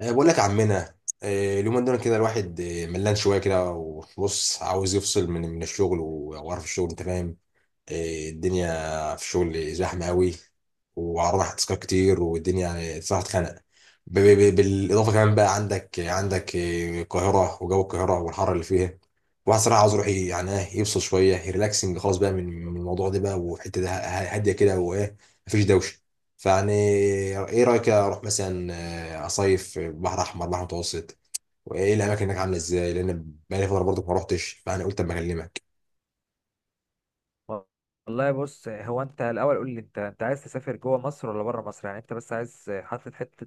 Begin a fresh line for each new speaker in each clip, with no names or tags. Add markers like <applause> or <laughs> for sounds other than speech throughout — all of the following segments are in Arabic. بقول لك يا عمنا. اليومين دول كده الواحد ملان شويه كده، وبص عاوز يفصل من الشغل وقرف الشغل انت فاهم. الدنيا في شغل زحمه قوي، وعرضنا تاسكات كتير والدنيا يعني صراحه اتخنق. بالاضافه كمان بقى عندك القاهره وجو القاهره والحر اللي فيها. واحد صراحه عاوز يروح يعني يفصل شويه ريلاكسنج خالص بقى من الموضوع ده بقى، وحته ده هاديه كده وايه، مفيش دوشه. فيعني ايه رايك اروح مثلا، اصيف بحر احمر بحر متوسط؟ وايه الاماكن هناك عامله ازاي، لان بقالي فتره برضه ما روحتش، فانا قلت اما اكلمك.
والله بص، هو انت الاول قول لي، انت عايز تسافر جوه مصر ولا بره مصر؟ يعني انت بس عايز حاطط حته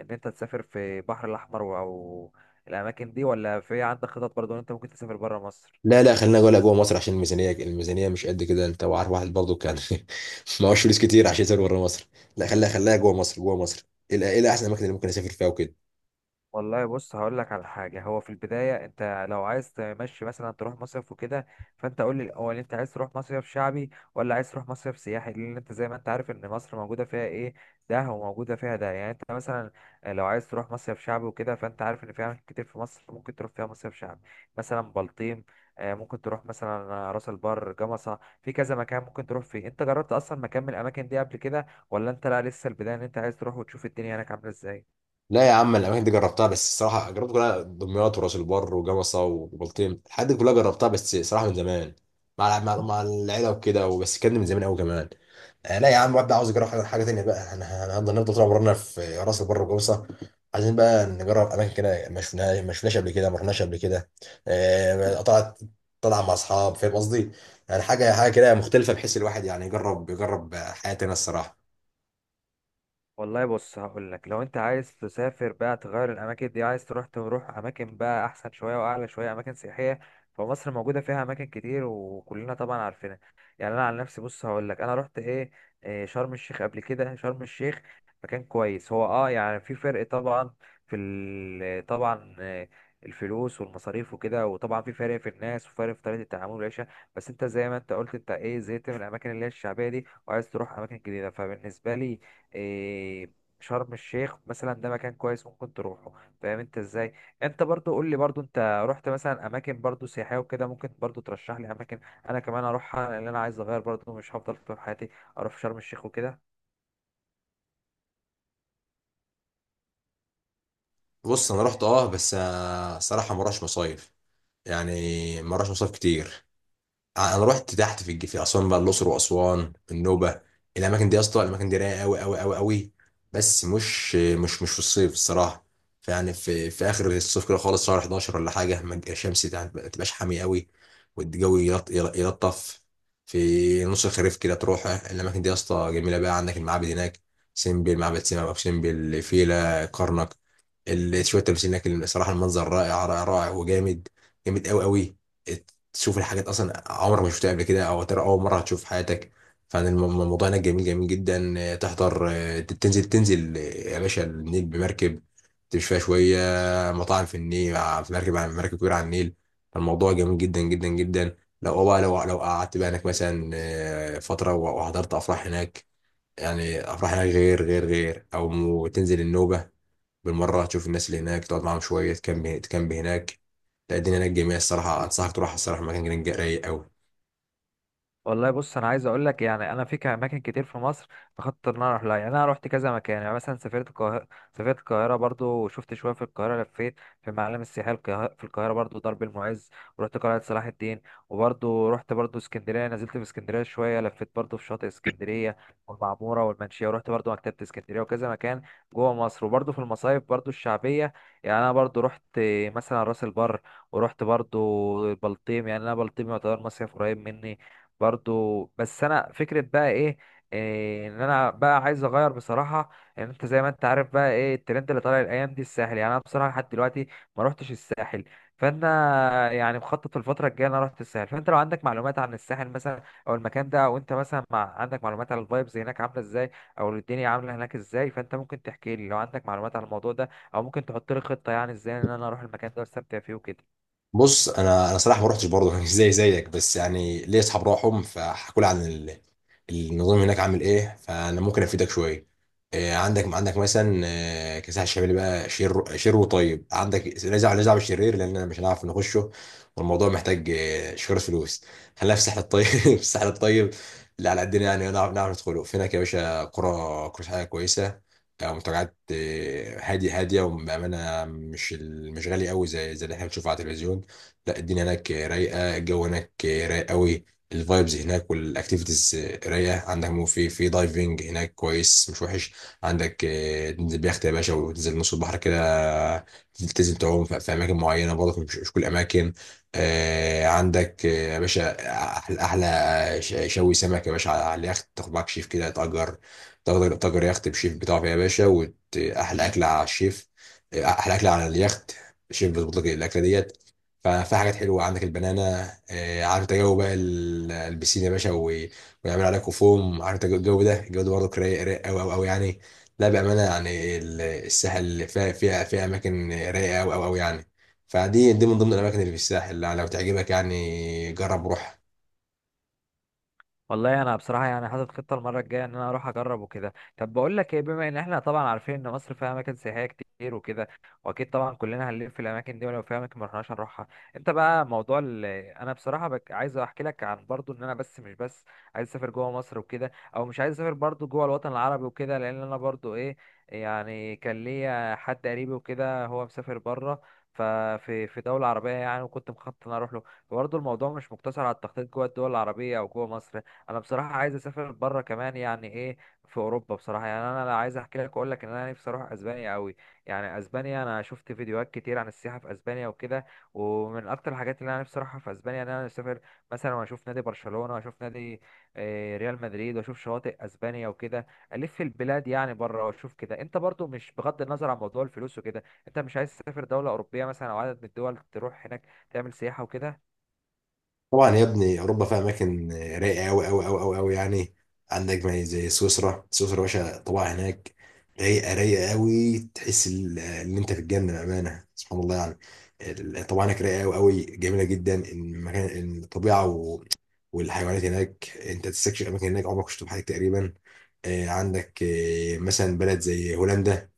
ان انت تسافر في البحر الاحمر او الاماكن دي، ولا في عندك خطط برضه ان انت ممكن تسافر بره مصر؟
لا، خلينا جوه مصر عشان الميزانيه، مش قد كده، انت وعارف، واحد برضه كان <laughs> معهوش فلوس كتير عشان يسافر بره مصر. لا، خليها جوه مصر، ايه احسن الاماكن اللي ممكن اسافر فيها وكده؟
والله بص، هقول لك على حاجه. هو في البدايه انت لو عايز تمشي مثلا تروح مصيف وكده، فانت قول لي الاول، انت عايز تروح مصيف شعبي ولا عايز تروح مصيف سياحي؟ لان انت زي ما انت عارف ان مصر موجوده فيها ايه، ده وموجوده فيها ده. يعني انت مثلا لو عايز تروح مصيف شعبي وكده، فانت عارف ان في اماكن كتير في مصر ممكن تروح فيها مصيف شعبي. مثلا بلطيم، ممكن تروح مثلا راس البر، جمصة، في كذا مكان ممكن تروح فيه. انت جربت اصلا مكان من الاماكن دي قبل كده، ولا انت لا لسه البدايه ان انت عايز تروح وتشوف الدنيا هناك عامله ازاي؟
لا يا عم، الاماكن دي جربتها، بس الصراحه جربت كلها، دمياط وراس البر وجمصه وبلطيم، الحاجات دي كلها جربتها، بس صراحه من زمان، مع العيله وكده، وبس كان من زمان قوي كمان. آه لا يا عم، واد عاوز يجرب حاجة تانية بقى. انا هنفضل طول عمرنا في راس البر والجوصه؟ عايزين بقى نجرب اماكن كده ما شفناها، ما شفناش قبل كده، ما رحناش قبل كده. طلعت، طلع مع اصحاب فاهم قصدي. يعني حاجه كده مختلفه، بحيث الواحد يعني يجرب حياه تانية الصراحه.
والله بص، هقول لك، لو انت عايز تسافر بقى تغير الاماكن دي، عايز تروح اماكن بقى احسن شويه واعلى شويه، اماكن سياحيه. فمصر موجوده فيها اماكن كتير وكلنا طبعا عارفينها. يعني انا عن نفسي بص هقول لك، انا رحت ايه. شرم الشيخ، قبل كده شرم الشيخ مكان كويس. هو يعني في فرق طبعا، طبعا الفلوس والمصاريف وكده، وطبعا في فرق في الناس وفرق في طريقه التعامل والعيشه. بس انت زي ما انت قلت، انت ايه، زهقت من الاماكن اللي هي الشعبيه دي وعايز تروح اماكن جديده. فبالنسبه لي إيه شرم الشيخ مثلا ده مكان كويس ممكن تروحه. فاهم انت ازاي؟ انت برضو قول لي، برضو انت رحت مثلا اماكن برضو سياحيه وكده ممكن برضو ترشح لي اماكن انا كمان اروحها، لان انا عايز اغير برضو، مش هفضل طول حياتي اروح شرم الشيخ وكده.
بص انا رحت اه بس آه، الصراحه ما رحتش مصايف يعني ما رحتش مصايف كتير انا رحت تحت في الج- في اسوان بقى الاقصر واسوان النوبه الاماكن دي يا اسطى الاماكن دي رايقه قوي قوي قوي قوي بس مش مش مش في الصيف الصراحه فيعني في في اخر الصيف كده خالص شهر 11 ولا حاجه ما تبقى الشمس تع- ما تبقاش حامي قوي والجو يلط- يل- يلطف في نص الخريف كده تروح الاماكن دي يا اسطى جميله بقى عندك المعابد هناك سيمبل معبد سيما ابو سمبل فيلا كرنك ال- شويه تماثيل هناك الصراحه المنظر رائع رائع رائع وجامد جامد قوي قوي تشوف الحاجات اصلا عمرك ما شفتها قبل كده او ترى اول مره هتشوف في حياتك فعلا الم- الموضوع هناك جميل جميل جدا آه، تحضر آه، تنزل تنزل آه، يا باشا النيل بمركب تمشي فيها شويه مطاعم في النيل آه، في مركب على مركب كبيره على النيل الموضوع جميل جدا جدا جدا لو بقى لو لو قعدت بقى هناك مثلا آه، فتره وحضرت افراح هناك يعني افراح هناك غير غير غير او تنزل النوبه بالمره تشوف الناس اللي هناك تقعد معاهم شويه تكمب تكمب هناك لا الدنيا هناك جميله الصراحه انصحك تروح الصراحه مكان رايق قوي
والله بص، انا عايز اقول لك، يعني انا اماكن كتير في مصر بخطط ان انا اروح لها. يعني انا رحت كذا مكان، يعني مثلا سافرت القاهره برضو، وشفت شويه في القاهره، لفيت في المعالم السياحيه في القاهره برضو، درب المعز، ورحت قلعه صلاح الدين. وبرضو رحت برضو اسكندريه، نزلت في اسكندريه شويه، لفيت برضو في شاطئ اسكندريه والمعموره والمنشيه، ورحت برضو مكتبه اسكندريه وكذا مكان جوه مصر. وبرضو في المصايف برضو الشعبيه، يعني انا برضو رحت مثلا راس البر، ورحت برضو البلطيم. يعني انا بلطيم يعتبر مصيف قريب مني برضو. بس انا فكره بقى ايه، ان انا بقى عايز اغير بصراحه. ان انت زي ما انت عارف بقى ايه الترند اللي طالع الايام دي، الساحل. يعني انا بصراحه لحد دلوقتي ما روحتش الساحل، فانا يعني مخطط في الفتره الجايه إن انا اروح الساحل. فانت لو عندك معلومات عن الساحل مثلا او المكان ده، او انت مثلا مع عندك معلومات عن الفايبز هناك عامله ازاي او الدنيا عامله هناك ازاي، فانت ممكن تحكي لي لو عندك معلومات عن الموضوع ده، او ممكن تحط لي خطه يعني ازاي ان انا اروح المكان ده واستمتع فيه وكده.
بص انا صراحه ما رحتش برضه <laughs> زي زيك، بس يعني ليا اصحاب راحهم فحكوا لي عن النظام هناك عامل ايه، فانا ممكن افيدك شويه. عندك مثلا كساح الشمالي بقى شير وطيب، عندك نزع بالشرير، لان أنا مش هنعرف نخشه، والموضوع محتاج شوية فلوس. خلينا في الساحل الطيب، <laughs> في الساحل الطيب اللي على قدنا، يعني نعرف ندخله. في هناك يا باشا قرى، قرى سياحية كويسه، منتجعات، هاديه وبامانه مش مش غالي قوي زي اللي احنا بنشوفه على التلفزيون. لا، الدنيا هناك رايقه، الجو هناك رايق قوي. الفايبز هناك والاكتيفيتيز رايقه. عندك مو في دايفنج هناك كويس مش وحش. عندك تنزل بيخت يا باشا وتنزل نص البحر كده، تلتزم تعوم في اماكن معينه برضه، مش كل الاماكن. عندك يا باشا احلى شوي سمك يا باشا على اليخت، تاخد معاك شيف كده، تأجر تأجر يخت بشيف بتاعك يا باشا، وأحلى أكلة على الشيف. أحلى أكلة على اليخت، الشيف بيظبط لك الأكلة ديت. ففي حاجات حلوه، عندك البنانا، عارف انت جو بقى البسين يا باشا ويعمل عليكم فوم. عارف انت الجو ده، برضه رايق قوي قوي قوي يعني. لا بامانه يعني الساحل فيها اماكن رايقه قوي قوي قوي يعني. فدي من ضمن الاماكن اللي في الساحل، لو تعجبك يعني جرب روح.
والله انا بصراحه يعني حاطط خطه المره الجايه ان انا اروح اجرب وكده. طب بقول لك ايه، بما ان احنا طبعا عارفين ان مصر فيها اماكن سياحيه كتير وكده، واكيد طبعا كلنا هنلف في الاماكن دي، ولو في اماكن ما رحناش هنروحها. انت بقى موضوع انا بصراحه عايز احكي لك عن برضو ان انا بس، مش بس عايز اسافر جوه مصر وكده، او مش عايز اسافر برضو جوه الوطن العربي وكده. لان انا برضو ايه، يعني كان ليا حد قريبي وكده هو مسافر بره، ففي دولة عربية يعني، وكنت مخطط ان أنا اروح له. برضه الموضوع مش مقتصر على التخطيط جوه الدول العربية او جوه مصر. انا بصراحه عايز اسافر بره كمان، يعني ايه، في اوروبا. بصراحه يعني انا لا عايز احكي لك واقول لك ان انا نفسي اروح اسبانيا قوي. يعني اسبانيا، انا شفت فيديوهات كتير عن السياحه في اسبانيا وكده. ومن اكتر الحاجات اللي انا نفسي اروحها في اسبانيا ان انا اسافر مثلا واشوف نادي برشلونه، واشوف نادي ريال مدريد، واشوف شواطئ اسبانيا وكده. الف البلاد يعني بره واشوف كده. انت برضو مش، بغض النظر عن موضوع الفلوس وكده، انت مش عايز تسافر دوله اوروبيه مثلا او عدد من الدول تروح هناك تعمل سياحه وكده؟
طبعا يا ابني، اوروبا فيها اماكن رايقه قوي قوي قوي قوي قوي يعني. عندك ما زي سويسرا، يا باشا، طبعا هناك رايقه، قوي، تحس ان انت في الجنه، بامانه سبحان الله يعني. طبعا هناك رايقه قوي قوي، جميله جدا المكان، الطبيعه، والحيوانات هناك، انت تستكشف اماكن هناك عمرك ما شفتها في حياتك تقريبا. عندك مثلا بلد زي هولندا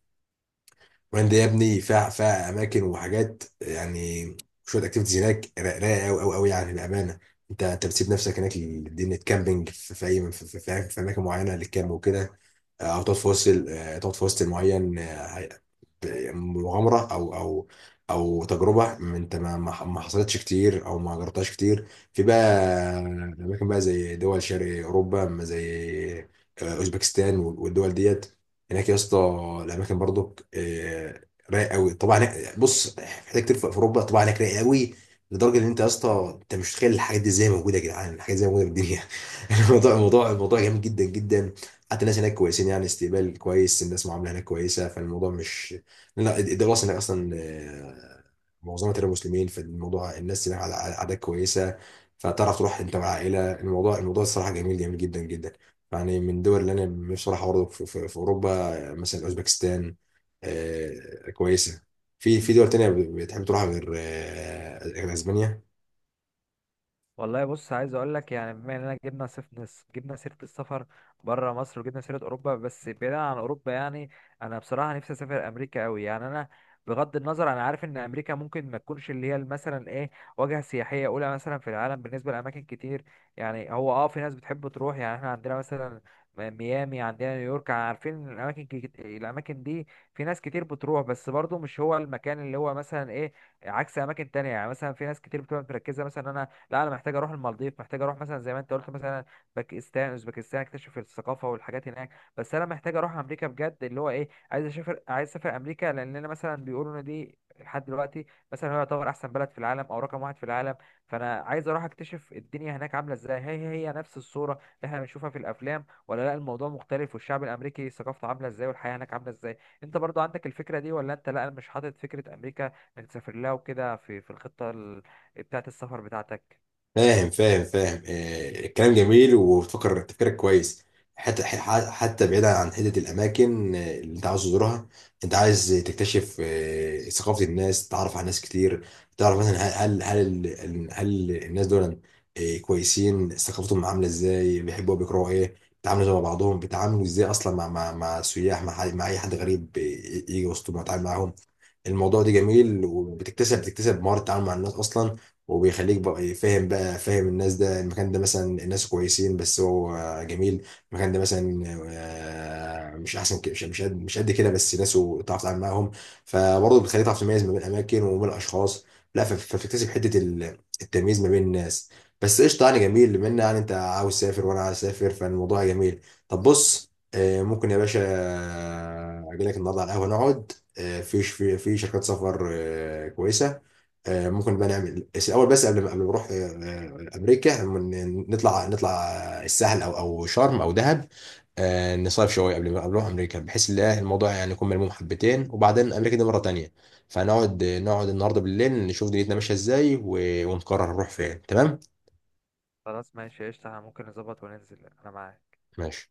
وهند يا ابني، فيها اماكن وحاجات يعني، شويه اكتيفيتيز هناك رايقه قوي قوي قوي يعني بامانه. انت بتسيب نفسك هناك لدنيا كامبينج، في في اماكن معينه للكامب وكده. او تقعد في وسط تقعد في وسط معين، يعني مغامره، او او تجربه انت ما حصلتش كتير او ما جربتهاش كتير. في بقى اماكن بقى زي دول شرق اوروبا، ما زي اوزبكستان والدول ديت، هناك يا اسطى الاماكن برضك رايق قوي. طبعا هناك- بص في حاجات كتير في اوروبا طبعا هناك رايق قوي، لدرجه ان انت يا اسطى انت مش متخيل الحاجات دي ازاي موجوده. يا جدعان، الحاجات دي ازاي موجوده في الدنيا؟ <laughs> الموضوع، الموضوع جامد جدا جدا. حتى الناس هناك كويسين، يعني استقبال كويس، الناس معامله هناك كويسه، فالموضوع مش... لا، الدوله الصينيه اصلا معظمها ترى مسلمين، فالموضوع الناس هناك على عادات كويسه، فتعرف تروح انت مع عائله. الموضوع الصراحه جميل جدا جدا. يعني من الدول اللي انا نفسي اروحها برضه في اوروبا، مثلا اوزبكستان كويسه. في دول تانية بتحب تروحها غير غير اسبانيا؟
والله بص، عايز اقول لك، يعني بما اننا جبنا سيره السفر بره مصر وجبنا سيره اوروبا، بس بعيدا عن اوروبا يعني انا بصراحه نفسي اسافر امريكا قوي. يعني انا بغض النظر، انا عارف ان امريكا ممكن ما تكونش اللي هي مثلا ايه، واجهه سياحيه اولى مثلا في العالم بالنسبه لاماكن كتير. يعني هو في ناس بتحب تروح، يعني احنا عندنا مثلا ميامي، عندنا نيويورك، عارفين إن الاماكن الاماكن دي في ناس كتير بتروح، بس برضو مش هو المكان اللي هو مثلا ايه، عكس اماكن تانية. يعني مثلا في ناس كتير بتبقى مركزه، مثلا انا لا انا محتاج اروح المالديف، محتاج اروح مثلا زي ما انت قلت مثلا باكستان، اوزبكستان، اكتشف الثقافه والحاجات هناك. بس انا محتاج اروح امريكا بجد، اللي هو ايه، عايز اسافر امريكا. لان انا مثلا بيقولوا ان دي لحد دلوقتي مثلا هو يعتبر احسن بلد في العالم او رقم واحد في العالم. فانا عايز اروح اكتشف الدنيا هناك عامله ازاي، هي نفس الصوره اللي احنا بنشوفها في الافلام، ولا لا الموضوع مختلف، والشعب الامريكي ثقافته عامله ازاي، والحياه هناك عامله ازاي. انت برضو عندك الفكره دي ولا انت لا مش حاطط فكره امريكا انك تسافر لها وكده في الخطه بتاعت السفر بتاعتك؟
فاهم الكلام جميل، وبتفكر تفكيرك كويس. حتى حتى بعيدا عن حته الاماكن اللي انت عاوز تزورها، انت عايز تكتشف ثقافه الناس، تعرف على ناس كتير، تعرف مثلا هل الناس دول كويسين، ثقافتهم عامله ازاي، بيحبوا بيكرهوا ايه، بيتعاملوا مع بعضهم، بيتعاملوا ازاي اصلا مع سياح، مع اي حد غريب يجي وسطهم يتعامل معاهم. الموضوع ده جميل، وبتكتسب مهاره التعامل مع الناس اصلا، وبيخليك بقى فاهم الناس. ده المكان ده مثلا الناس كويسين بس هو جميل، المكان ده مثلا مش احسن، مش قد كده، بس ناسه تعرف تتعامل معاهم، فبرضه بتخليك تعرف تميز ما بين الاماكن وما بين الاشخاص. لا فبتكتسب حته التمييز ما بين الناس. بس قشطه يعني جميل، بما ان يعني انت عاوز تسافر وانا عاوز اسافر، فالموضوع جميل. طب بص، ممكن يا باشا اجي لك النهارده على القهوه، نقعد، في شركات سفر كويسه، ممكن بقى نعمل. بس الاول، بس قبل ما نروح امريكا، نطلع السهل او شرم او دهب، نصيف شويه قبل ما نروح امريكا، بحيث ان الموضوع يعني يكون ملموم حبتين، وبعدين امريكا دي مره تانية. فنقعد النهارده بالليل، نشوف دنيتنا ماشيه ازاي، ونقرر نروح فين. تمام؟
خلاص ماشي قشطة، احنا ممكن نظبط وننزل. انا معاك.
ماشي.